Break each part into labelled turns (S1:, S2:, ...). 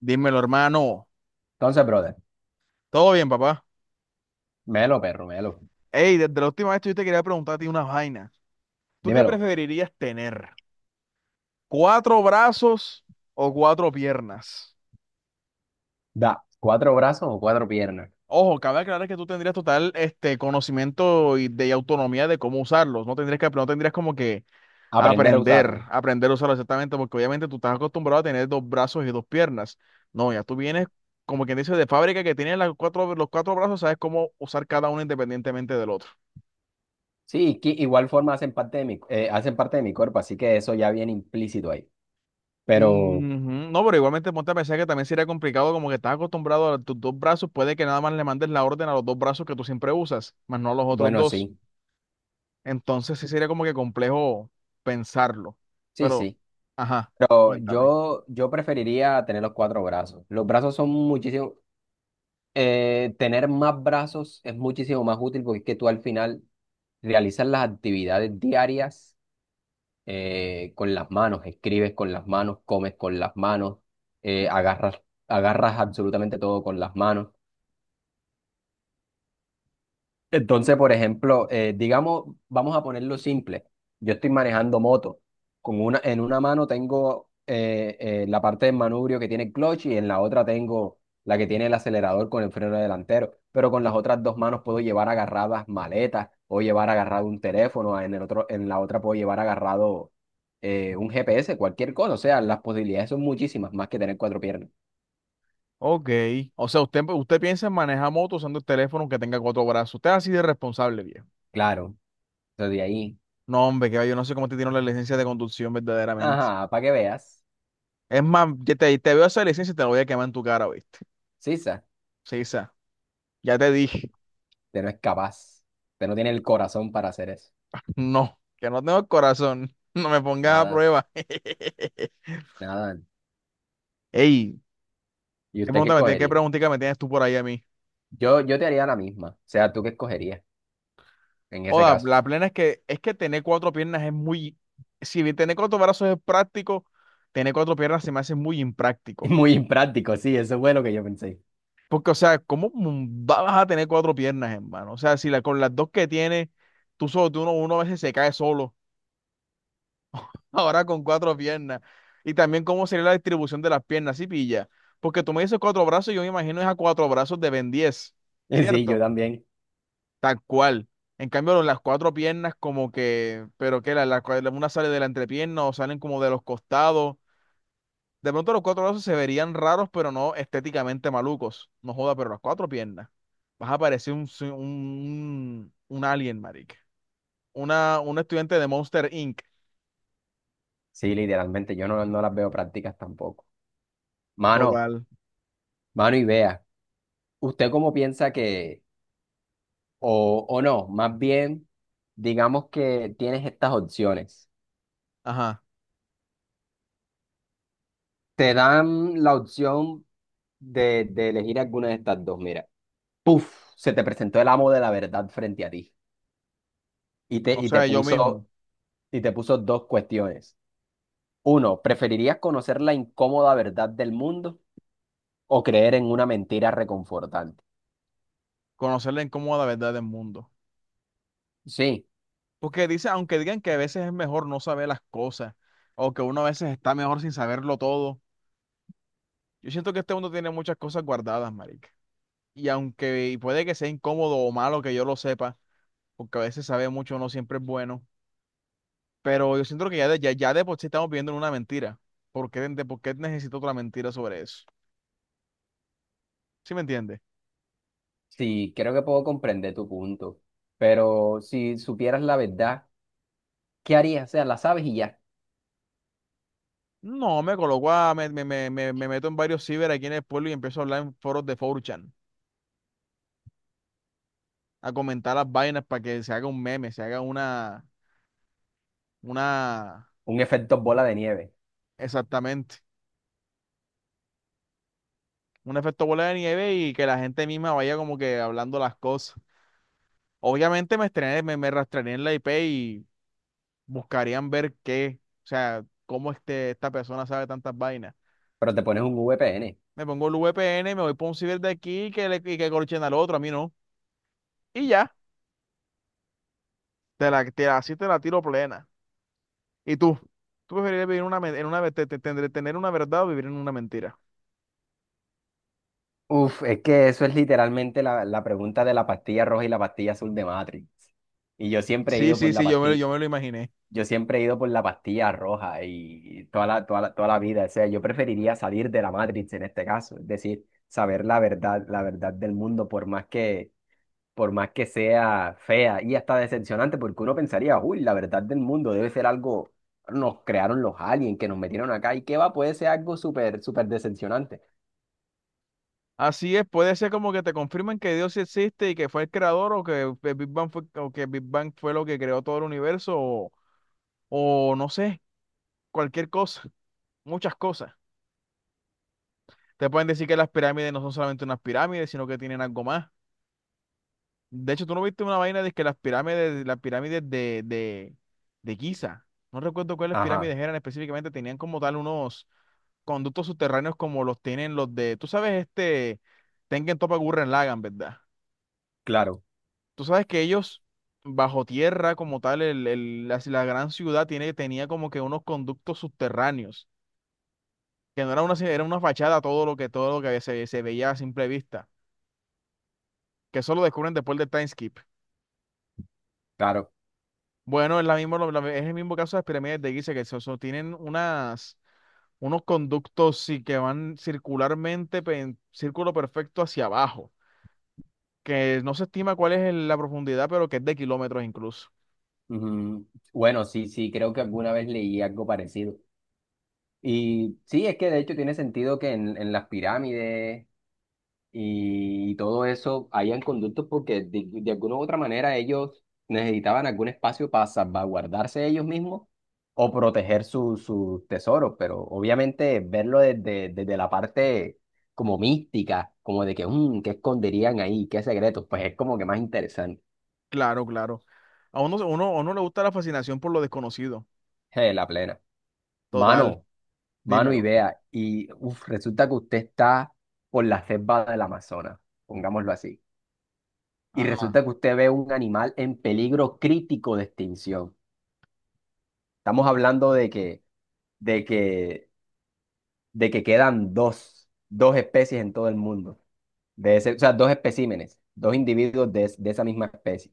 S1: Dímelo, hermano.
S2: Entonces, brother,
S1: ¿Todo bien, papá?
S2: melo, perro, melo.
S1: Ey, desde la última vez que yo te quería preguntar a ti una vaina. ¿Tú qué
S2: Dímelo,
S1: preferirías tener? ¿Cuatro brazos o cuatro piernas?
S2: da cuatro brazos o cuatro piernas.
S1: Ojo, cabe aclarar que tú tendrías total conocimiento y autonomía de cómo usarlos. No tendrías como que
S2: Aprender a usarlo.
S1: aprender a usarlos exactamente, porque obviamente tú estás acostumbrado a tener dos brazos y dos piernas. No, ya tú vienes, como quien dice, de fábrica que tienes los cuatro brazos, sabes cómo usar cada uno independientemente del otro.
S2: Sí, que igual forma hacen parte de mi, hacen parte de mi cuerpo, así que eso ya viene implícito ahí. Pero
S1: Ujú. No, pero igualmente ponte a pensar que también sería complicado como que estás acostumbrado a tus dos brazos, puede que nada más le mandes la orden a los dos brazos que tú siempre usas, más no a los otros
S2: bueno,
S1: dos.
S2: sí,
S1: Entonces sí sería como que complejo pensarlo.
S2: sí,
S1: Pero,
S2: sí.
S1: ajá,
S2: Pero
S1: cuéntame.
S2: yo preferiría tener los cuatro brazos. Los brazos son muchísimo. Tener más brazos es muchísimo más útil porque es que tú al final realizas las actividades diarias con las manos, escribes con las manos, comes con las manos, agarras, agarras absolutamente todo con las manos. Entonces, por ejemplo, digamos, vamos a ponerlo simple. Yo estoy manejando moto. En una mano tengo la parte del manubrio que tiene el clutch y en la otra tengo la que tiene el acelerador con el freno delantero. Pero con las otras dos manos puedo llevar agarradas maletas o llevar agarrado un teléfono. En la otra puedo llevar agarrado un GPS, cualquier cosa. O sea, las posibilidades son muchísimas más que tener cuatro piernas.
S1: Ok, o sea, usted piensa en manejar moto usando el teléfono que tenga cuatro brazos. Usted es así de responsable, viejo.
S2: Claro. Entonces, de ahí.
S1: No, hombre, que va, yo no sé cómo te tiene la licencia de conducción verdaderamente.
S2: Ajá, para que veas.
S1: Es más, te veo esa licencia y te la voy a quemar en tu cara, ¿viste?
S2: Sí.
S1: Sí, esa. Ya te dije.
S2: Usted no es capaz. Usted no tiene el corazón para hacer eso.
S1: No, que no tengo corazón. No me pongas a
S2: Nada,
S1: prueba.
S2: nada.
S1: Ey,
S2: ¿Y
S1: ¿qué
S2: usted qué
S1: pregunta me tienes, qué
S2: escogería?
S1: preguntita me tienes tú por ahí a mí?
S2: Yo te haría la misma. O sea, ¿tú qué escogerías en ese
S1: Oda,
S2: caso?
S1: la plena es que tener cuatro piernas es muy, si bien tener cuatro brazos es práctico, tener cuatro piernas se me hace muy
S2: Es
S1: impráctico.
S2: muy impráctico, sí, eso fue lo que yo pensé.
S1: Porque, o sea, ¿cómo vas a tener cuatro piernas, hermano? O sea, si la, con las dos que tienes, tú solo, tú uno, uno a veces se cae solo. Ahora con cuatro piernas. Y también cómo sería la distribución de las piernas, ¿sí pilla? Porque tú me dices cuatro brazos, yo me imagino es a cuatro brazos de Ben 10,
S2: Sí, yo
S1: ¿cierto?
S2: también.
S1: Tal cual. En cambio, las cuatro piernas como que, una sale de la entrepierna o salen como de los costados. De pronto los cuatro brazos se verían raros, pero no estéticamente malucos. No joda, pero las cuatro piernas. Vas a parecer un alien, marica. Un estudiante de Monster Inc.
S2: Sí, literalmente, yo no, no las veo prácticas tampoco. Mano,
S1: Total.
S2: mano y vea, ¿usted cómo piensa que, o no, más bien, digamos que tienes estas opciones?
S1: Ajá.
S2: Te dan la opción de elegir alguna de estas dos. Mira, puf, se te presentó el amo de la verdad frente a ti y te,
S1: O
S2: y te
S1: sea, yo
S2: puso,
S1: mismo.
S2: y te puso dos cuestiones. Uno, ¿preferirías conocer la incómoda verdad del mundo o creer en una mentira reconfortante?
S1: Conocer la incómoda verdad del mundo.
S2: Sí,
S1: Porque dice, aunque digan que a veces es mejor no saber las cosas, o que uno a veces está mejor sin saberlo todo, yo siento que este mundo tiene muchas cosas guardadas, marica. Y aunque puede que sea incómodo o malo que yo lo sepa, porque a veces saber mucho no siempre es bueno, pero yo siento que ya de por sí estamos viviendo en una mentira. ¿De por qué necesito otra mentira sobre eso? ¿Sí me entiendes?
S2: sí, creo que puedo comprender tu punto, pero si supieras la verdad, ¿qué harías? O sea, la sabes y ya.
S1: No, me coloco a, me, me, me, me me meto en varios ciber aquí en el pueblo y empiezo a hablar en foros de 4chan, a comentar las vainas para que se haga un meme, se haga una,
S2: Un efecto bola de nieve,
S1: exactamente, un efecto bola de nieve y que la gente misma vaya como que hablando las cosas. Obviamente me rastrearía en la IP y buscarían ver qué, o sea, cómo esta persona sabe tantas vainas.
S2: pero te pones un VPN.
S1: Me pongo el VPN, me voy por un ciber de aquí y que corchen al otro, a mí no. Y ya, así te la tiro plena. ¿Y tú? ¿Tú preferirías vivir en una, men- en una, te- te- tener una verdad o vivir en una mentira?
S2: Uf, es que eso es literalmente la pregunta de la pastilla roja y la pastilla azul de Matrix. Y yo siempre he
S1: Sí,
S2: ido por
S1: sí,
S2: la
S1: sí,
S2: pastilla,
S1: yo me lo imaginé.
S2: yo siempre he ido por la pastilla roja y toda la vida. O sea, yo preferiría salir de la Matrix en este caso, es decir, saber la verdad del mundo, por más que sea fea y hasta decepcionante, porque uno pensaría, uy, la verdad del mundo debe ser algo, nos crearon los aliens que nos metieron acá y qué va, puede ser algo súper, súper decepcionante.
S1: Así es, puede ser como que te confirmen que Dios sí existe y que fue el creador o que el Big Bang fue lo que creó todo el universo, o no sé, cualquier cosa, muchas cosas. Te pueden decir que las pirámides no son solamente unas pirámides, sino que tienen algo más. De hecho, tú no viste una vaina de que las pirámides de Giza, no recuerdo cuáles
S2: Ajá,
S1: pirámides eran específicamente, tenían como tal unos conductos subterráneos como los tienen los de, tú sabes, Tengen Toppa Gurren Lagann, ¿verdad?
S2: claro.
S1: Tú sabes que ellos, bajo tierra como tal, la gran ciudad tenía como que unos conductos subterráneos, que no era una, era una fachada todo lo que se veía a simple vista, que eso lo descubren después del time skip.
S2: Claro.
S1: Bueno, es, la misma, lo- la- es el mismo caso de las pirámides de Giza, que tienen unos conductos sí, que van circularmente, en círculo perfecto hacia abajo, que no se estima cuál es la profundidad, pero que es de kilómetros incluso.
S2: Ujú. Bueno, sí, sí, creo que alguna vez leí algo parecido. Y sí, es que de hecho tiene sentido que en las pirámides y todo eso hayan conductos porque de alguna u otra manera ellos necesitaban algún espacio para salvaguardarse ellos mismos o proteger sus tesoros, pero obviamente verlo desde, desde la parte como mística, como de que, "Mm, ¿qué esconderían ahí? ¿Qué secretos?" Pues es como que más interesante,
S1: Claro, claro. A uno le gusta la fascinación por lo desconocido.
S2: la plena.
S1: Total,
S2: Mano. Mano, y
S1: dímelo.
S2: vea, y uf, resulta que usted está por la selva del Amazonas, pongámoslo así, y
S1: Ajá.
S2: resulta que usted ve un animal en peligro crítico de extinción. Estamos hablando de que, de que quedan dos, dos especies en todo el mundo, de ese, o sea, dos especímenes, dos individuos de, de esa misma especie.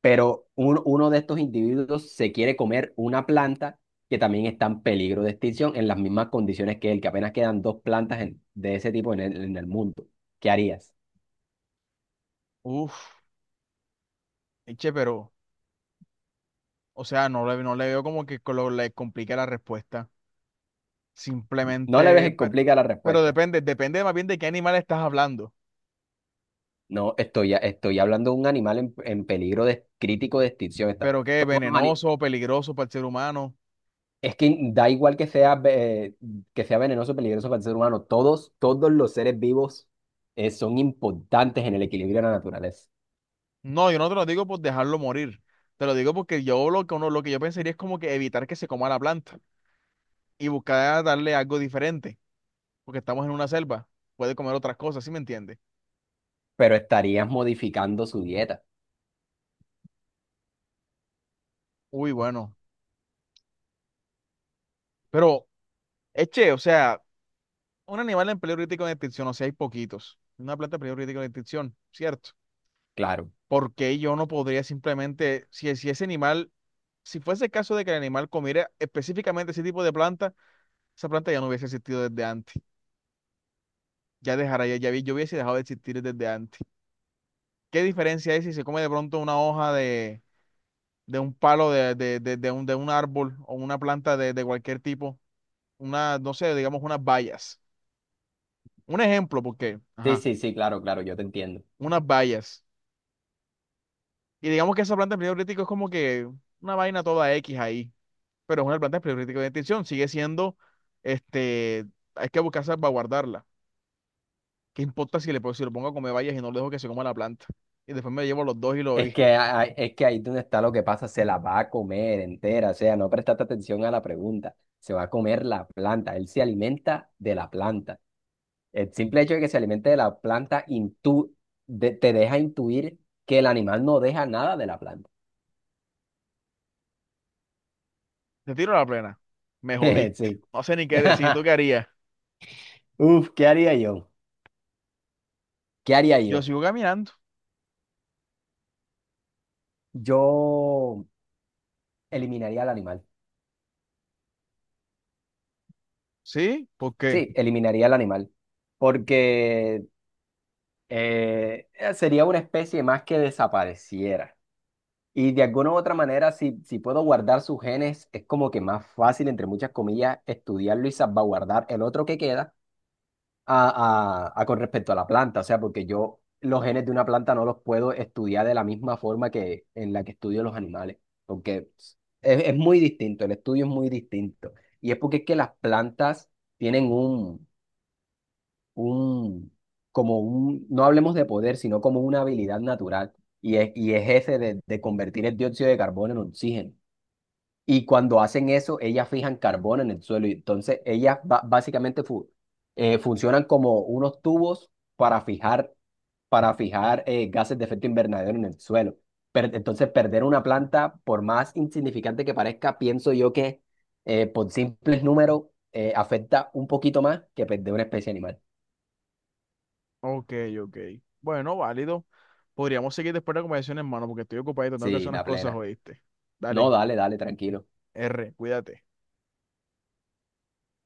S2: Pero uno de estos individuos se quiere comer una planta que también está en peligro de extinción en las mismas condiciones que él, que apenas quedan dos plantas de ese tipo en el mundo. ¿Qué harías?
S1: Uf, eche, pero, o sea, no le veo como que le complique la respuesta.
S2: No le ves
S1: Simplemente,
S2: que complica la
S1: pero
S2: respuesta.
S1: depende, depende más bien de qué animal estás hablando.
S2: No, estoy hablando de un animal en peligro de, crítico de extinción. Está,
S1: Pero qué,
S2: todos
S1: venenoso, peligroso para el ser humano.
S2: es que da igual que sea, que sea venenoso, peligroso para el ser humano. Todos, todos los seres vivos son importantes en el equilibrio de la naturaleza,
S1: No, yo no te lo digo por dejarlo morir. Te lo digo porque yo lo que uno, lo que yo pensaría es como que evitar que se coma la planta y buscar darle algo diferente, porque estamos en una selva. Puede comer otras cosas, ¿sí me entiendes?
S2: pero estarías modificando su dieta.
S1: Uy, bueno. Pero, eche, o sea, un animal en peligro crítico de extinción, o sea, hay poquitos. Una planta en peligro crítico de extinción, ¿cierto?
S2: Claro.
S1: Porque yo no podría simplemente, si ese animal, si fuese el caso de que el animal comiera específicamente ese tipo de planta, esa planta ya no hubiese existido desde antes. Ya dejara, ya, ya vi- yo hubiese dejado de existir desde antes. ¿Qué diferencia hay si se come de pronto una hoja de un palo de de un árbol o una planta de cualquier tipo? Una, no sé, digamos unas bayas. Un ejemplo, porque,
S2: Sí,
S1: ajá.
S2: sí, sí, claro, claro, yo te entiendo.
S1: Unas vallas. Y digamos que esa planta de empleo crítico es como que una vaina toda X ahí, pero es una planta de empleo crítico de extinción, sigue siendo, este, hay que buscar salvaguardarla. ¿Qué importa si si lo pongo a comer vallas y no lo dejo que se coma la planta? Y después me llevo los dos y lo y
S2: Es que ahí donde está lo que pasa, se la va a comer entera, o sea, no prestaste atención a la pregunta, se va a comer la planta, él se alimenta de la planta. El simple hecho de que se alimente de la planta te deja intuir que el animal no deja nada de la planta.
S1: te tiro a la plena. Me jodiste.
S2: Sí.
S1: No sé ni qué decir, ¿tú qué harías?
S2: Uf, ¿qué haría yo? ¿Qué haría
S1: Yo
S2: yo?
S1: sigo caminando.
S2: Yo eliminaría al animal.
S1: ¿Sí? ¿Por qué?
S2: Sí, eliminaría al animal. Porque sería una especie más que desapareciera. Y de alguna u otra manera, si, si puedo guardar sus genes, es como que más fácil, entre muchas comillas, estudiarlo y salvaguardar el otro que queda a con respecto a la planta. O sea, porque yo los genes de una planta no los puedo estudiar de la misma forma que en la que estudio los animales, porque es muy distinto, el estudio es muy distinto. Y es porque es que las plantas tienen un, como un, no hablemos de poder, sino como una habilidad natural. Y es ese de convertir el dióxido de carbono en oxígeno. Y cuando hacen eso, ellas fijan carbono en el suelo. Y entonces ellas básicamente funcionan como unos tubos para fijar gases de efecto invernadero en el suelo. Entonces perder una planta, por más insignificante que parezca, pienso yo que por simples números afecta un poquito más que perder una especie animal.
S1: Ok, ok. Bueno, válido. Podríamos seguir después de la conversación, hermano, porque estoy ocupado y tengo que hacer
S2: Sí,
S1: unas
S2: la
S1: cosas,
S2: plena.
S1: ¿oíste?
S2: No,
S1: Dale,
S2: dale, dale, tranquilo.
S1: R, cuídate.